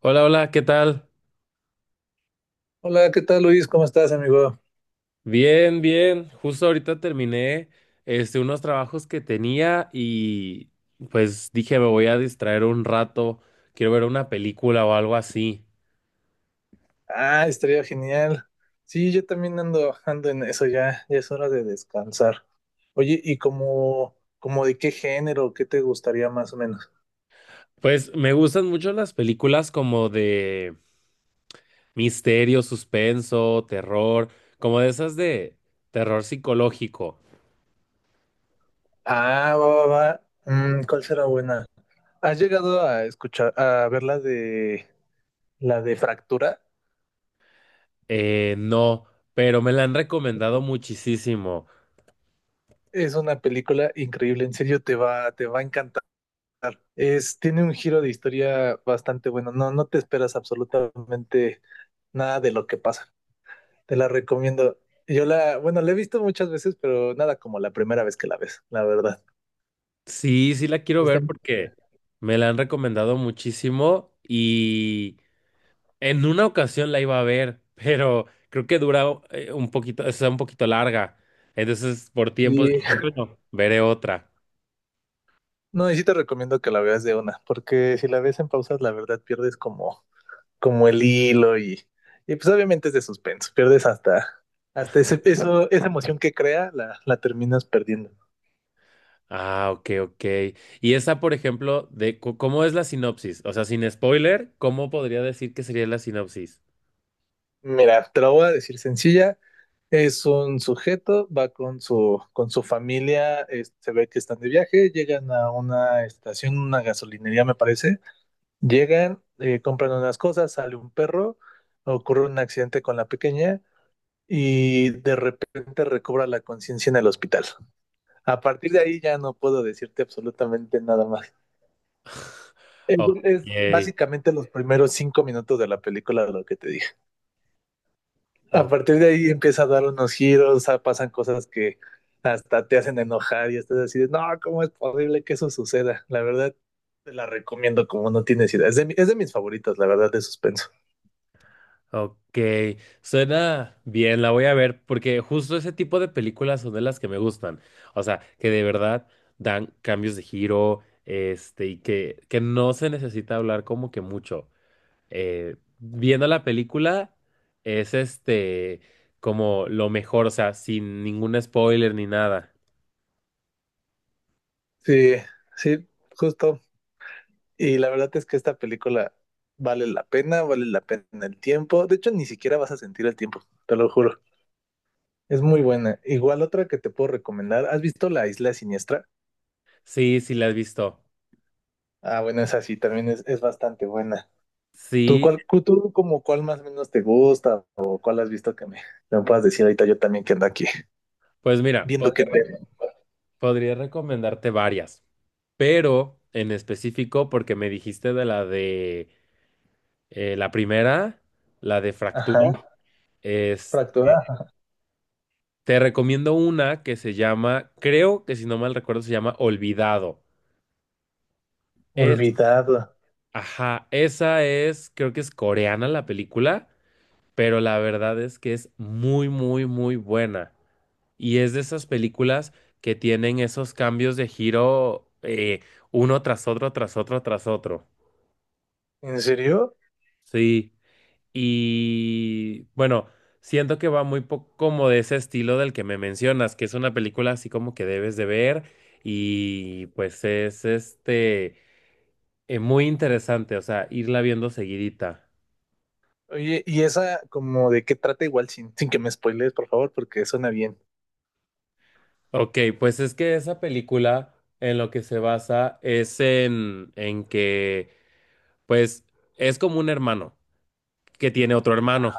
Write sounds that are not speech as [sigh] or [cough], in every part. Hola, hola, ¿qué tal? Hola, ¿qué tal Luis? ¿Cómo estás, amigo? Bien, bien. Justo ahorita terminé unos trabajos que tenía y pues dije me voy a distraer un rato, quiero ver una película o algo así. Ah, estaría genial. Sí, yo también ando en eso ya, ya es hora de descansar. Oye, ¿y como de qué género, qué te gustaría más o menos? Pues me gustan mucho las películas como de misterio, suspenso, terror, como de esas de terror psicológico. Ah, va, va, va. Mm, ¿cuál será buena? ¿Has llegado a escuchar, a ver la de Fractura? No, pero me la han recomendado muchísimo. Es una película increíble, en serio te va a encantar. Es, tiene un giro. Te la recomiendo. La he visto muchas veces, pero nada como la primera vez que la ves, la verdad. Sí, sí la quiero Está ver muy porque chida. me la han recomendado muchísimo y en una ocasión la iba a ver, [laughs] pero creo que dura un poquito, es un poquito larga. Entonces, por tiempos Y- dije, [laughs] bueno, veré otra. no, y sí te recomiendo que la veas de una, porque si la ves en pausas, la verdad pierdes como el hilo y pues obviamente es de suspenso, hasta esa emoción que crea, la terminas perdiendo. Ah, ok, ok. Y esa, por ejemplo, cómo es la sinopsis, o sea, sin spoiler, ¿cómo podría decir que sería la sinopsis? Mira, te lo voy a decir sencilla. Es un sujeto, va con su familia, se ve que están de viaje, llegan a una estación, una gasolinería me parece, llegan, compran unas cosas, sale un perro, ocurre un accidente con la pequeña y de repente recobra la conciencia en el hospital. A partir de ahí ya no puedo decirte absolutamente nada más. [laughs] Es, es básicamente los primeros 5 minutos de la película lo que te dije. A Ok, partir de ahí empieza a dar unos giros, ah, pasan cosas que hasta te hacen enojar y estás así de, no, ¿cómo es posible que eso suceda? La verdad, te la recomiendo como no tienes idea. Es es de mis favoritas, la verdad, de suspenso. ok, suena bien, la voy a ver porque justo ese tipo de películas son de las que me gustan. O sea, que de verdad dan cambios de giro, y que, no se necesita hablar como que mucho. Viendo la película es como lo mejor, o sea, sin ningún spoiler ni nada. Sí, sí, justo. Y la verdad es que esta película vale la pena el tiempo. De hecho, ni siquiera vas a sentir el tiempo, te lo juro. Es muy buena. Igual otra que te puedo recomendar. ¿Has visto La Isla Siniestra? Sí, sí la has visto. Ah, bueno, esa sí, también es bastante buena. ¿Tú, Sí, tú como cuál más o menos te gusta o cuál has visto que me puedas decir ahorita yo también que ando aquí pues mira, viendo que te... podría recomendarte varias, pero en específico porque me dijiste de la primera, la de fractura, Ajá, es, fractura. Ajá. te recomiendo una que se llama, creo que si no mal recuerdo, se llama Olvidado. Es, Olvidado. ajá, esa es, creo que es coreana la película, pero la verdad es que es muy, muy, muy buena. Y es de esas películas que tienen esos cambios de giro uno tras otro, tras otro, tras otro. ¿En serio? Sí. Y bueno, siento que va muy poco como de ese estilo del que me mencionas, que es una película así como que debes de ver y pues es muy interesante, o sea, irla viendo seguidita. Oye, ¿y esa como de qué trata igual sin que me spoilees, por favor, porque suena bien? Ok, pues es que esa película en lo que se basa es en que pues es como un hermano que tiene otro hermano.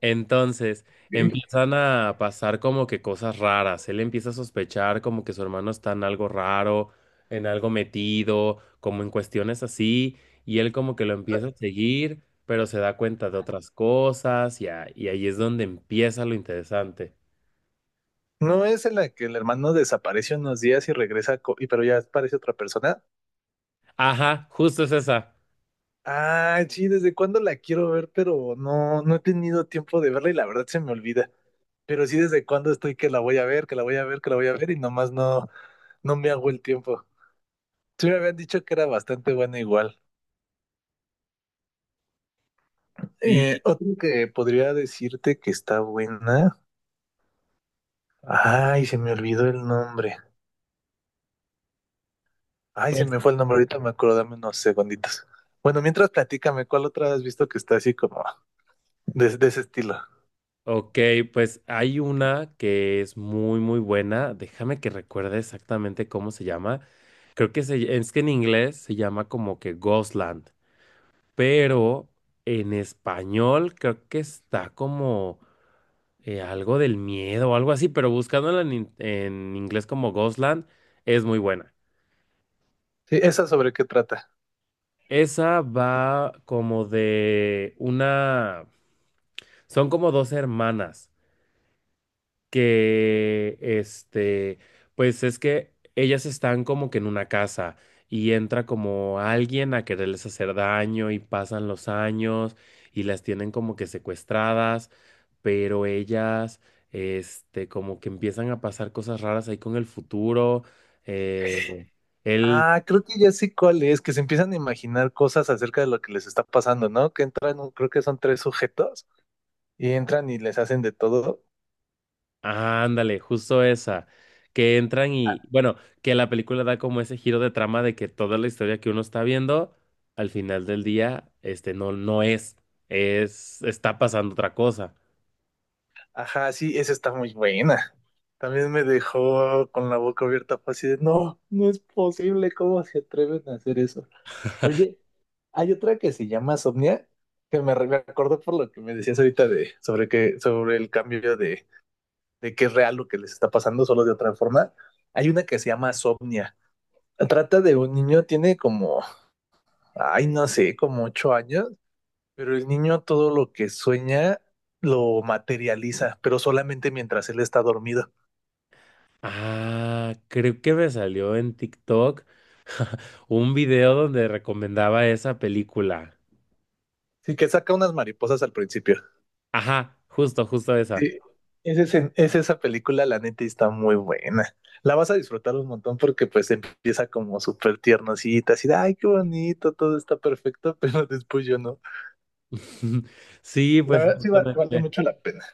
Entonces Ok. empiezan a pasar como que cosas raras. Él empieza a sospechar como que su hermano está en algo raro, en algo metido, como en cuestiones así. Y él como que lo empieza a seguir, pero se da cuenta de otras cosas y ahí es donde empieza lo interesante. ¿No es en la que el hermano desaparece unos días y regresa, pero ya aparece otra persona? Ajá, justo es esa. Ah, sí, desde cuándo la quiero ver, pero no he tenido tiempo de verla y la verdad se me olvida. Pero sí, desde cuándo estoy que la voy a ver, que la voy a ver, que la voy a ver y nomás no, no me hago el tiempo. Sí me habían dicho que era bastante buena igual. Y Otro que podría decirte que está buena. Ay, se me olvidó el nombre. Ay, se pues me fue el nombre, ahorita me acuerdo, dame unos segunditos. Bueno, mientras platícame, ¿cuál otra has visto que está así como de ese estilo? ok, pues hay una que es muy, muy buena. Déjame que recuerde exactamente cómo se llama. Creo que es que en inglés se llama como que Ghostland, pero en español creo que está como algo del miedo o algo así, pero buscándola en inglés como Ghostland es muy buena. Sí, ¿esa sobre qué trata? Esa va como de una... Son como dos hermanas que este, pues es que ellas están como que en una casa y entra como alguien a quererles hacer daño y pasan los años y las tienen como que secuestradas, pero ellas como que empiezan a pasar cosas raras ahí con el futuro. Eh, él Ah, creo que ya sé cuál es, que se empiezan a imaginar cosas acerca de lo que les está pasando, ¿no? Que entran, creo que son tres sujetos y entran y les hacen de todo. Ah, ándale, justo esa, que entran y, bueno, que la película da como ese giro de trama de que toda la historia que uno está viendo, al final del día, no es, está pasando otra cosa. Ajá, sí, esa está muy buena. También me dejó con la boca abierta, fue así de, no, no es posible, ¿cómo se atreven a hacer eso? Oye, hay otra que se llama Somnia, que me acordó por lo que me decías ahorita sobre sobre el cambio de que es real lo que les está pasando, solo de otra forma. Hay una que se llama Somnia. Trata de un niño, tiene como, ay, no sé, como 8 años, pero el niño todo lo que sueña lo materializa, pero solamente mientras él está dormido. Ah, creo que me salió en TikTok un video donde recomendaba esa película. Sí, que saca unas mariposas al principio. Ajá, justo, justo esa. Sí, es esa película, la neta, y está muy buena. La vas a disfrutar un montón porque pues empieza como súper tiernosita, así de, ay, qué bonito, todo está perfecto, [laughs] pero después yo no. [laughs] Sí, La pues verdad vale justamente. mucho la pena.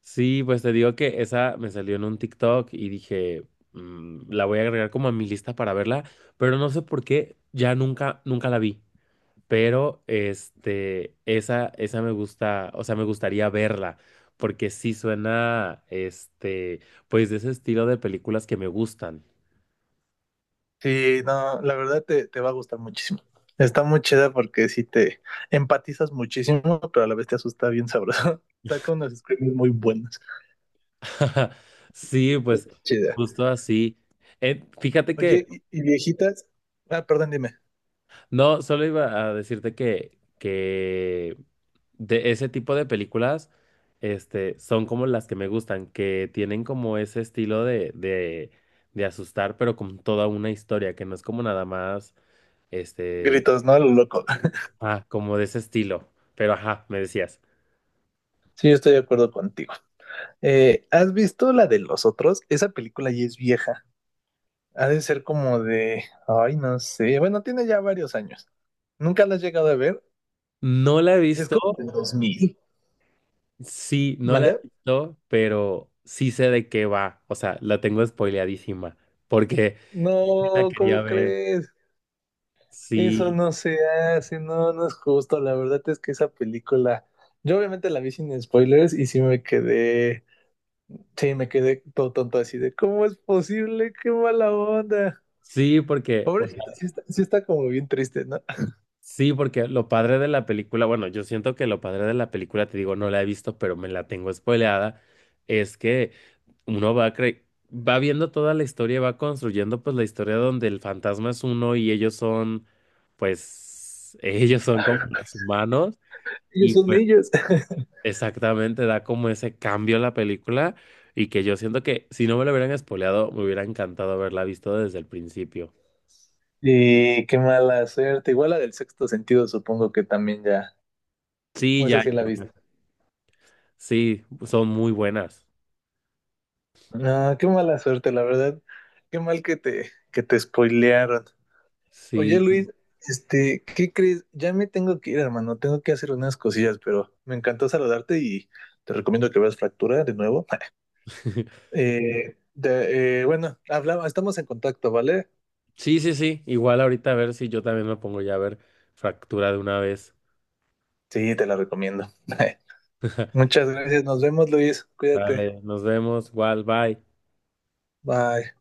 Sí, pues te digo que esa me salió en un TikTok y dije, "Mm, la voy a agregar como a mi lista para verla, pero no sé por qué, ya nunca, nunca la vi. Pero esa me gusta, o sea, me gustaría verla, porque sí suena, pues de ese estilo de películas que me gustan. Sí, no, la verdad te va a gustar muchísimo. Está muy chida porque sí te empatizas muchísimo, pero a la vez te asusta bien sabroso. [laughs] Saca unas screams muy buenas. [laughs] Sí, pues Chida. justo así. Fíjate que Oye, y viejitas. Ah, perdón, dime. No, solo iba a decirte que de ese tipo de películas, son como las que me gustan, que tienen como ese estilo de asustar, pero con toda una historia, que no es como nada más, este, Gritos, ¿no? A lo loco. [laughs] Como de ese estilo. Pero ajá, me decías. Sí, yo estoy de acuerdo contigo. ¿Has visto la de los otros? Esa película ya es vieja. Ha de ser como de. Ay, no sé. Bueno, tiene ya varios años. ¿Nunca la has llegado a ver? No la he Es visto, como del 2000. sí, no la he ¿Mande? visto, pero sí sé de qué va. O sea, la tengo spoileadísima, porque [laughs] sí la No, quería ¿cómo ver, crees? Eso sí. no se hace, no, no es justo. La verdad es que esa película, yo obviamente la vi sin spoilers y sí me quedé todo tonto así de, ¿cómo es posible? ¡Qué mala onda! Sí, porque, o Pobrecita, sí está como bien triste, ¿no? sí, porque lo padre de la película, bueno, yo siento que lo padre de la película, te digo, no la he visto, pero me la tengo spoileada, es que uno va cre- va viendo toda la historia, y va construyendo pues la historia donde el fantasma es uno y ellos son, pues, [laughs] ellos son como [laughs] los humanos Ellos y son pues niños. [laughs] exactamente da como ese cambio a la película y que yo siento que si no me lo hubieran spoileado, me hubiera encantado haberla visto desde el principio. Y qué mala suerte. Igual la del sexto sentido, supongo que también ya, Sí, o esa ya, sí la viste. sí, son muy buenas. No, qué mala suerte, la verdad. Qué mal que te spoilearon. Oye, Sí. Luis, este, ¿qué crees? Ya me tengo que ir, hermano. Tengo que hacer unas cosillas, pero me encantó saludarte y te recomiendo que veas Fractura de nuevo. [laughs] Bueno, hablamos, estamos en contacto, ¿vale? Sí, sí, sí. Igual ahorita a ver si yo también me pongo ya a ver fractura de una vez. Sí, te la recomiendo. [laughs] [laughs] Muchas gracias. Nos vemos, Luis. Cuídate. Dale, nos vemos. Igual, bye. Bye.